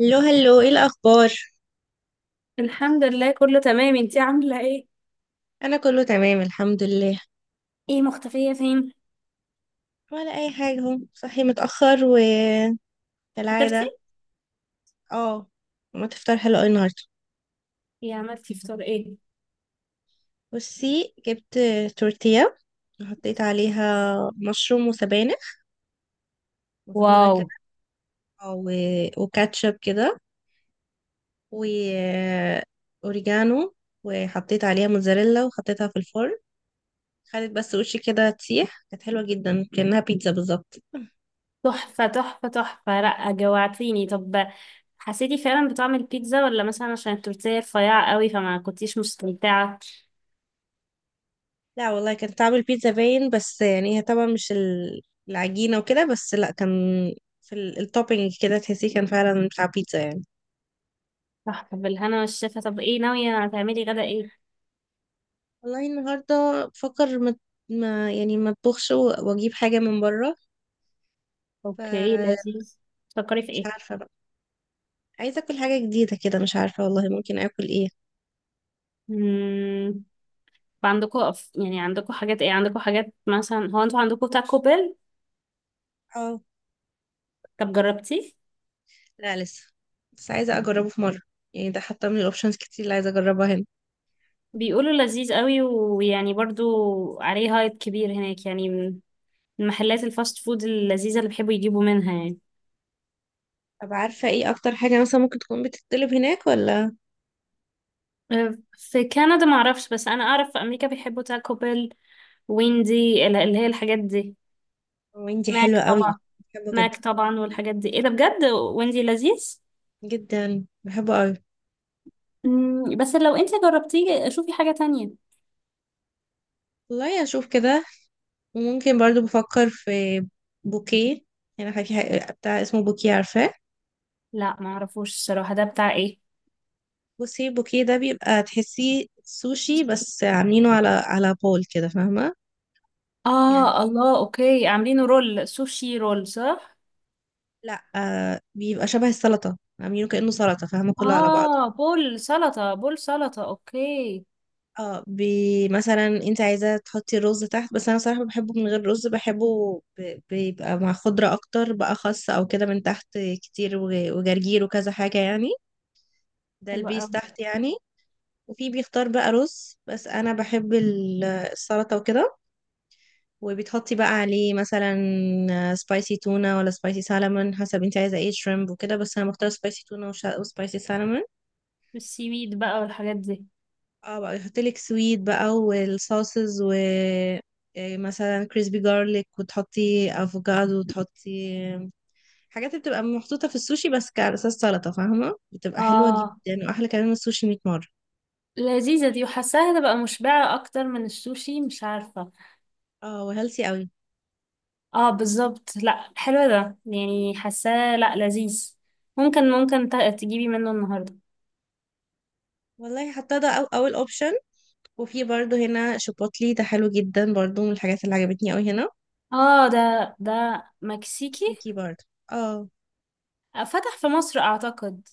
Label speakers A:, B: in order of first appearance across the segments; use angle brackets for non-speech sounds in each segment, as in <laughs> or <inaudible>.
A: هلو هلو، ايه الاخبار؟
B: الحمد لله كله تمام، انتي عاملة ايه؟
A: انا كله تمام الحمد لله.
B: ايه مختفية فين؟
A: ولا اي حاجه، اهو صحي متاخر
B: فطرتي؟
A: وكالعاده. اه. ما تفطر حلو أوي النهارده.
B: ايه عملتي فطار ايه؟
A: بصي، جبت تورتيه، وحطيت عليها مشروم وسبانخ، مفروده
B: واو.
A: كده. آه، و... وكاتشب كده، واوريجانو، وحطيت عليها موتزاريلا، وحطيتها في الفرن. خدت بس وشي كده تسيح، كانت حلوه جدا كأنها بيتزا بالظبط.
B: تحفة تحفة تحفة، لأ جوعتيني. طب حسيتي فعلا بطعم البيتزا ولا مثلا عشان التورتيه رفيعة قوي فما كنتيش مستمتعة؟
A: لا والله، كان طعم البيتزا باين، بس يعني هي طبعا مش العجينة وكده، بس لا، كان في التوبينج كده، تحسيه كان فعلا بتاع بيتزا يعني.
B: تحفة، بالهنا والشفا. طب ايه ناوية، هتعملي غدا ايه؟
A: والله النهاردة بفكر، يعني ما اطبخش واجيب حاجة من بره.
B: اوكي،
A: فمش،
B: لذيذ. تفكري في ايه؟
A: عارفة بقى عايزة اكل حاجة جديدة كده، مش عارفة والله ممكن اكل ايه.
B: مم. عندكم يعني عندكم حاجات ايه، عندكم حاجات مثلا، هو انتوا عندكم تاكو بيل؟
A: اه،
B: طب جربتيه؟
A: لا لسه، بس عايزة اجربه في مرة، يعني ده حاطة من الاوبشنز كتير اللي عايزة اجربها هنا.
B: بيقولوا لذيذ قوي، ويعني برضو عليه هايب كبير هناك، يعني من محلات الفاست فود اللذيذة اللي بيحبوا يجيبوا منها يعني.
A: طب عارفة ايه اكتر حاجة مثلا ممكن تكون بتطلب هناك، ولا؟
B: في كندا ما اعرفش، بس انا اعرف في امريكا بيحبوا تاكو بيل، اللي هي الحاجات دي.
A: ويندي
B: ماك
A: حلوة قوي.
B: طبعا.
A: بحبه
B: ماك
A: جدا
B: طبعا والحاجات دي. ايه ده بجد، ويندي لذيذ.
A: جدا، بحبه قوي.
B: مم، بس لو انت جربتيه شوفي حاجة تانية.
A: والله اشوف كده. وممكن برضو بفكر في بوكيه، يعني بتاع اسمه بوكيه، عارفاه؟
B: لا ما اعرفوش الصراحة، ده بتاع ايه؟
A: بصي، البوكيه ده بيبقى تحسيه سوشي، بس عاملينه على بول كده، فاهمه؟ يعني
B: اه، الله، اوكي، عاملينه رول، سوشي رول، صح.
A: لا، بيبقى شبه السلطه، عاملينه كانه سلطه، فاهمه؟ كله على بعضه.
B: اه، بول سلطة، بول سلطة، اوكي.
A: اه، مثلا انت عايزه تحطي الرز تحت، بس انا صراحه بحبه من غير رز، بحبه بيبقى مع خضره اكتر بقى، خس او كده من تحت كتير وجرجير وكذا حاجه يعني، ده
B: حلوة
A: البيس
B: أوي.
A: تحت يعني. وفي بيختار بقى رز، بس انا بحب السلطه وكده. وبتحطي بقى عليه مثلا سبايسي تونه ولا سبايسي سالمون، حسب انت عايزه ايه، شريمب وكده، بس انا بختار سبايسي تونه وسبايسي سالمون.
B: والسيويد بقى والحاجات دي.
A: اه بقى، يحطلك سويت بقى والصوصز، و إيه، مثلا كريسبي جارليك، وتحطي افوكادو، وتحطي حاجات اللي بتبقى محطوطه في السوشي بس على اساس سلطه، فاهمه، بتبقى حلوه
B: اه
A: جدا، واحلى كمان من السوشي 100 مره.
B: لذيذة دي، وحاساها تبقى مشبعة أكتر من السوشي، مش عارفة.
A: اه، وهيلثي قوي.
B: اه بالظبط، لأ حلو ده، يعني حاساه لأ لذيذ. ممكن ممكن تجيبي منه النهاردة.
A: والله، حتى ده اول اوبشن. وفي برضو هنا شيبوتلي ده حلو جدا برضو، من الحاجات اللي عجبتني قوي هنا.
B: اه ده مكسيكي.
A: مكسيكي برضو، اه.
B: فتح في مصر أعتقد.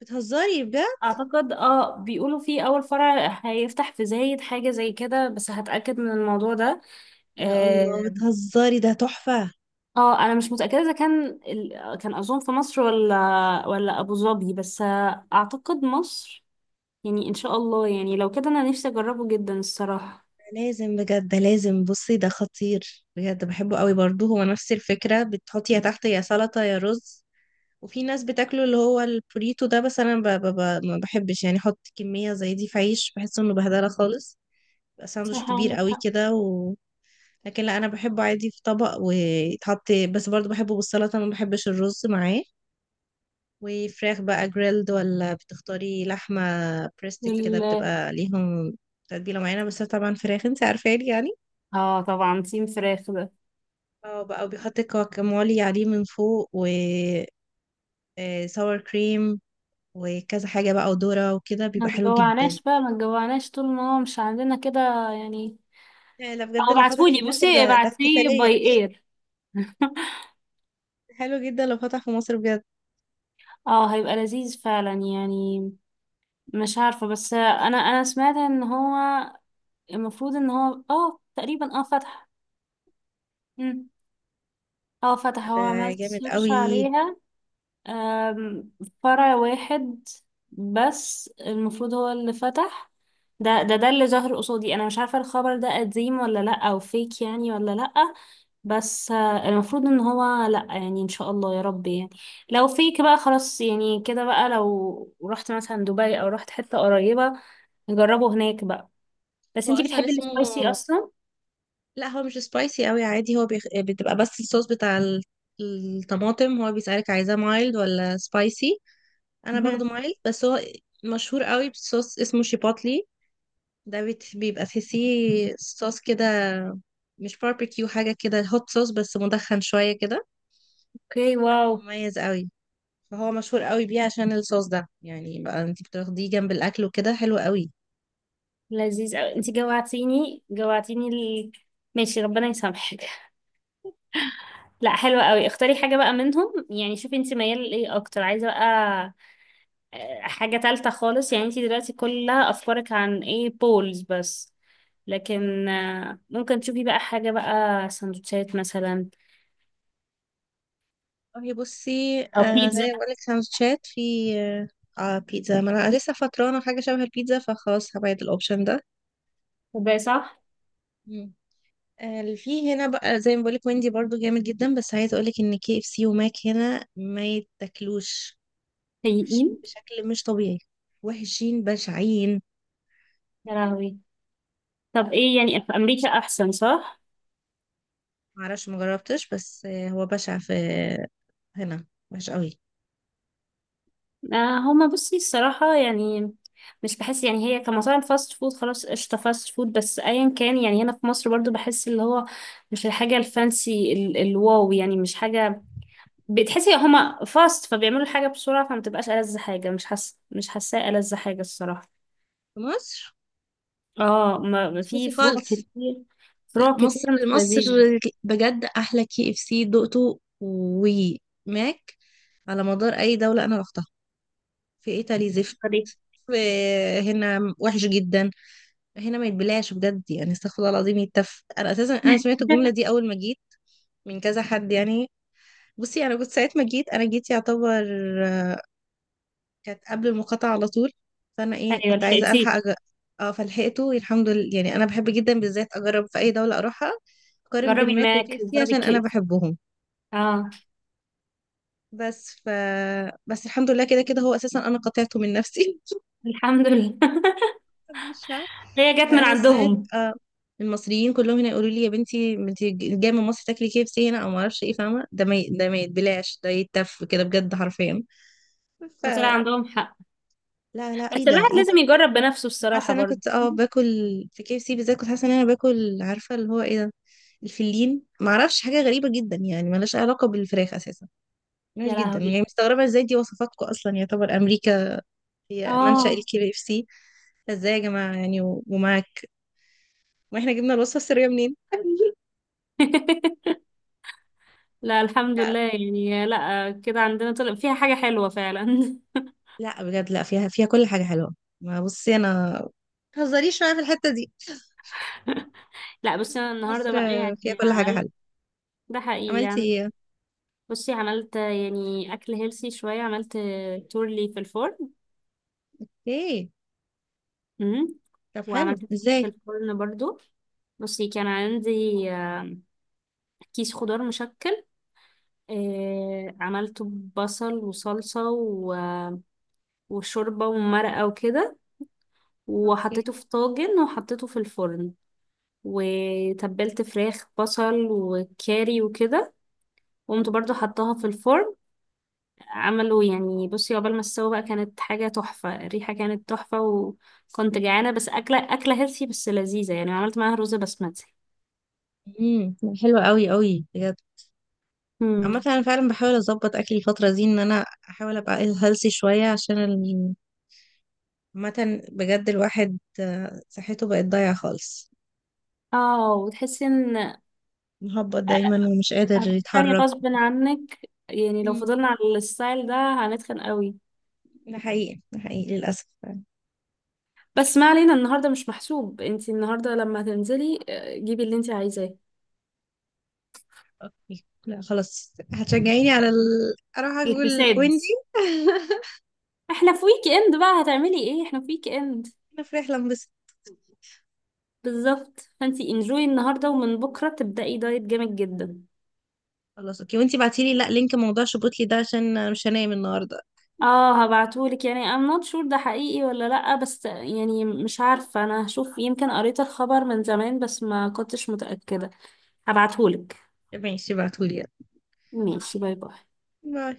A: بتهزري بجد؟
B: أعتقد اه، بيقولوا فيه أول فرع هيفتح في زايد حاجة زي كده، بس هتأكد من الموضوع ده.
A: يا الله،
B: آه،
A: بتهزري؟ ده تحفة.
B: اه انا مش متاكده اذا كان كان اظن في مصر ولا ولا ابو ظبي، بس اعتقد مصر. يعني ان شاء الله، يعني لو كده انا نفسي اجربه جدا الصراحه.
A: لازم بجد، ده لازم، بصي ده خطير بجد، بحبه قوي برضو. هو نفس الفكرة، بتحطي يا تحت يا سلطة يا رز. وفي ناس بتاكله اللي هو البوريتو ده، بس انا ما بحبش يعني احط كمية زي دي في عيش، بحس انه بهدلة خالص. بيبقى ساندوتش
B: صح،
A: كبير
B: عندك
A: قوي
B: حق.
A: كده. لكن لا، انا بحبه عادي في طبق ويتحط، بس برضو بحبه بالسلطه، ما بحبش الرز معاه. وفراخ بقى جريلد، ولا بتختاري لحمه بريستك كده
B: وال.
A: بتبقى ليهم تتبيله معينه، بس طبعا فراخ، انت عارفاني يعني.
B: اه طبعا، تيم فراخ ده.
A: اه بقى، وبيحط كواكامولي عليه من فوق و ساور كريم، وكذا حاجه بقى، وذره وكده، بيبقى
B: ما
A: حلو جدا.
B: تجوعناش بقى، ما تجوعناش طول ما هو مش عندنا كده يعني.
A: يعني لا بجد،
B: او
A: لو فتح في
B: ابعتهولي،
A: مصر،
B: بصي
A: ده
B: ابعتيه
A: احتفاليه.
B: باي اير. <laughs>
A: حلو جدا لو فتح في مصر بجد،
B: اه هيبقى لذيذ فعلا يعني. مش عارفة بس انا سمعت ان هو المفروض ان هو اه تقريبا اه فتح، اه فتح،
A: ده
B: هو عملت
A: جامد
B: سيرش
A: قوي.
B: عليها. آم، فرع واحد، بس المفروض هو اللي فتح. ده اللي ظهر قصادي، انا مش عارفة الخبر ده قديم ولا لا، او فيك يعني ولا لا. بس المفروض ان هو، لا يعني ان شاء الله يا رب يعني. لو فيك بقى خلاص يعني، كده بقى لو رحت مثلا دبي او رحت حتة قريبة نجربه هناك بقى. بس
A: هو
B: انتي
A: اصلا
B: بتحبي
A: اسمه،
B: السبايسي اصلا؟
A: لا هو مش سبايسي قوي، عادي. هو بتبقى بس الصوص بتاع الطماطم، هو بيسألك عايزاه مايلد ولا سبايسي. انا باخده
B: مهم.
A: مايلد، بس هو مشهور قوي بصوص اسمه شيباتلي، ده بيبقى تحسيه صوص كده، مش باربيكيو، حاجة كده هوت صوص بس مدخن شوية كده،
B: اوكي، واو.
A: مميز قوي. فهو مشهور قوي بيه عشان الصوص ده، يعني بقى انت بتاخديه جنب الاكل وكده، حلو قوي.
B: لذيذ قوي، انت جوعتيني جوعتيني ماشي، ربنا يسامحك. لا حلوة قوي، اختاري حاجة بقى منهم يعني، شوفي انت ميال لايه اكتر، عايزة بقى حاجة تالتة خالص يعني. انت دلوقتي كل افكارك عن ايه، بولز بس، لكن ممكن تشوفي بقى حاجة بقى، سندوتشات مثلا،
A: هي بصي،
B: او
A: زي
B: بيتزا.
A: ما بقولك سندوتشات في. آه بيتزا، ما انا لسه فطرانه حاجه شبه البيتزا فخلاص هبعد الاوبشن ده.
B: طب إيه، صح؟
A: مم. اللي في هنا بقى زي ما بقولك ويندي برضو جامد جدا، بس عايزه اقولك ان كي اف سي وماك هنا ما يتاكلوش،
B: سيئين.
A: وحشين بشكل مش طبيعي، وحشين بشعين.
B: يا لهوي. طب ايه يعني، في امريكا احسن، صح؟
A: معرفش، مجربتش، بس هو بشع في هنا، وحش قوي.
B: هما بصي الصراحة يعني، مش بحس يعني هي كمطاعم فاست فود، خلاص قشطة فاست فود بس، أيا كان يعني، هنا في مصر برضو بحس اللي هو مش الحاجة الفانسي الواو، يعني مش حاجة بتحسي هما فاست، فبيعملوا الحاجة بسرعة، فما تبقاش ألذ حاجة، مش حاسة مش حاساه ألذ حاجة الصراحة.
A: في مصر،
B: اه ما في
A: اسكتي
B: فروع
A: خالص.
B: كتير،
A: لا
B: فروع كتير
A: مصر،
B: مش
A: مصر
B: لذيذة.
A: بجد احلى كي اف سي دقته وماك على مدار اي دولة انا رحتها. في ايطالي، زفت.
B: سوري.
A: في هنا وحش جدا، هنا ما يتبلعش بجد يعني، استغفر الله العظيم، يتف. انا اساسا سمعت الجملة
B: <laughs>
A: دي اول ما جيت، من كذا حد يعني. بصي، انا كنت ساعة ما جيت، انا جيت يعتبر كانت قبل المقاطعة على طول. فانا ايه،
B: أيوة
A: كنت عايزة
B: لحقتيه.
A: الحق. اه، فلحقته الحمد لله يعني، انا بحب جدا بالذات اجرب في اي دولة اروحها، اقارن بين
B: جربي
A: ماك وكي
B: ماك،
A: اف سي
B: جربي
A: عشان انا
B: كيك.
A: بحبهم.
B: اه.
A: بس ف بس، الحمد لله، كده كده هو اساسا انا قطعته من نفسي.
B: الحمد لله. <laughs>
A: <laughs> قبل الشعب.
B: هي جت من
A: فانا سمعت
B: عندهم.
A: المصريين كلهم هنا يقولوا لي يا بنتي، انت جايه من مصر تاكلي كي اف سي هنا، او ما اعرفش ايه، فاهمه ده ما يتبلاش، ده يتف كده بجد حرفيا. ف،
B: وطلع عندهم حق،
A: لا لا، ايه
B: بس
A: ده
B: الواحد
A: ايه
B: لازم
A: ده.
B: يجرب بنفسه
A: حاسه
B: الصراحة
A: إن انا
B: برضه.
A: كنت باكل في كي اف سي بالذات، كنت حاسه ان انا باكل عارفه اللي هو ايه، ده الفلين، ما اعرفش، حاجه غريبه جدا يعني. ملهاش أي علاقه بالفراخ اساسا، ملهاش
B: يا
A: جدا يعني،
B: لهوي.
A: مستغربه ازاي دي وصفاتكم اصلا، يعتبر امريكا هي منشأ
B: اه.
A: الكي اف سي. ازاي يا جماعة يعني، ومعاك. ما احنا جبنا الوصفة السرية منين؟ <laughs>
B: <laughs> لا الحمد
A: لا
B: لله يعني، لا كده عندنا طلع فيها حاجة حلوة فعلا. <laughs>
A: لا بجد، لا فيها كل حاجة حلوة. ما بصي، انا متهزريش معايا في الحتة دي.
B: لا بس انا
A: مصر
B: النهارده بقى
A: فيها
B: يعني
A: كل حاجة
B: عملت.
A: حلوة.
B: ده حقيقي
A: عملتي
B: يعني.
A: ايه؟
B: بصي عملت يعني اكل هيلسي شوية، عملت تورلي في الفرن.
A: ايه؟
B: امم
A: طب
B: وعملت
A: حلو
B: في
A: ازاي.
B: الفرن برضو. بصي كان عندي آه، كيس خضار مشكل. عملته ببصل وصلصة وشوربة ومرقة وكده،
A: اوكي.
B: وحطيته في طاجن وحطيته في الفرن. وتبلت فراخ بصل وكاري وكده، وقمت برضو حطاها في الفرن. عملوا يعني، بصي عقبال ما استوى بقى كانت حاجة تحفة، الريحة كانت تحفة وكنت جعانة، بس أكلة أكلة هيلثي بس لذيذة يعني، عملت معاها رز بسمتي.
A: امم حلوة قوي قوي بجد.
B: مم.
A: عامة انا فعلا بحاول اظبط اكلي الفترة دي، ان انا احاول ابقى هيلثي شوية عامة بجد الواحد، صحته بقت ضايعة خالص،
B: اه وتحسي ان
A: مهبط دايما
B: أ-
A: ومش قادر
B: هتتخني
A: يتحرك.
B: غصب عنك يعني، لو فضلنا على الستايل ده هنتخن قوي.
A: ده حقيقي، ده حقيقي للأسف فعلا.
B: بس ما علينا، النهارده مش محسوب، انتي النهارده لما هتنزلي جيبي اللي انتي عايزاه.
A: اوكي لا، خلاص هتشجعيني أروح أقول
B: الفساد.
A: ويندي. <laughs>
B: احنا في ويك اند بقى، هتعملي ايه، احنا في ويك اند.
A: أنا في رحلة، انبسط.
B: بالظبط، فانتي انجوي النهارده ومن بكره تبدأي دايت جامد جدا.
A: خلاص اوكي، وانتي بعتيلي لا، لينك موضوع شبوتلي ده عشان انا مش هنام النهارده.
B: اه هبعتهولك يعني I'm not sure، ده حقيقي ولا لأ، بس يعني مش عارفة، انا هشوف، يمكن قريت الخبر من زمان بس ما كنتش متأكدة. هبعتهولك.
A: ماشي، بعتولي يلا.
B: ماشي، باي باي.
A: باي.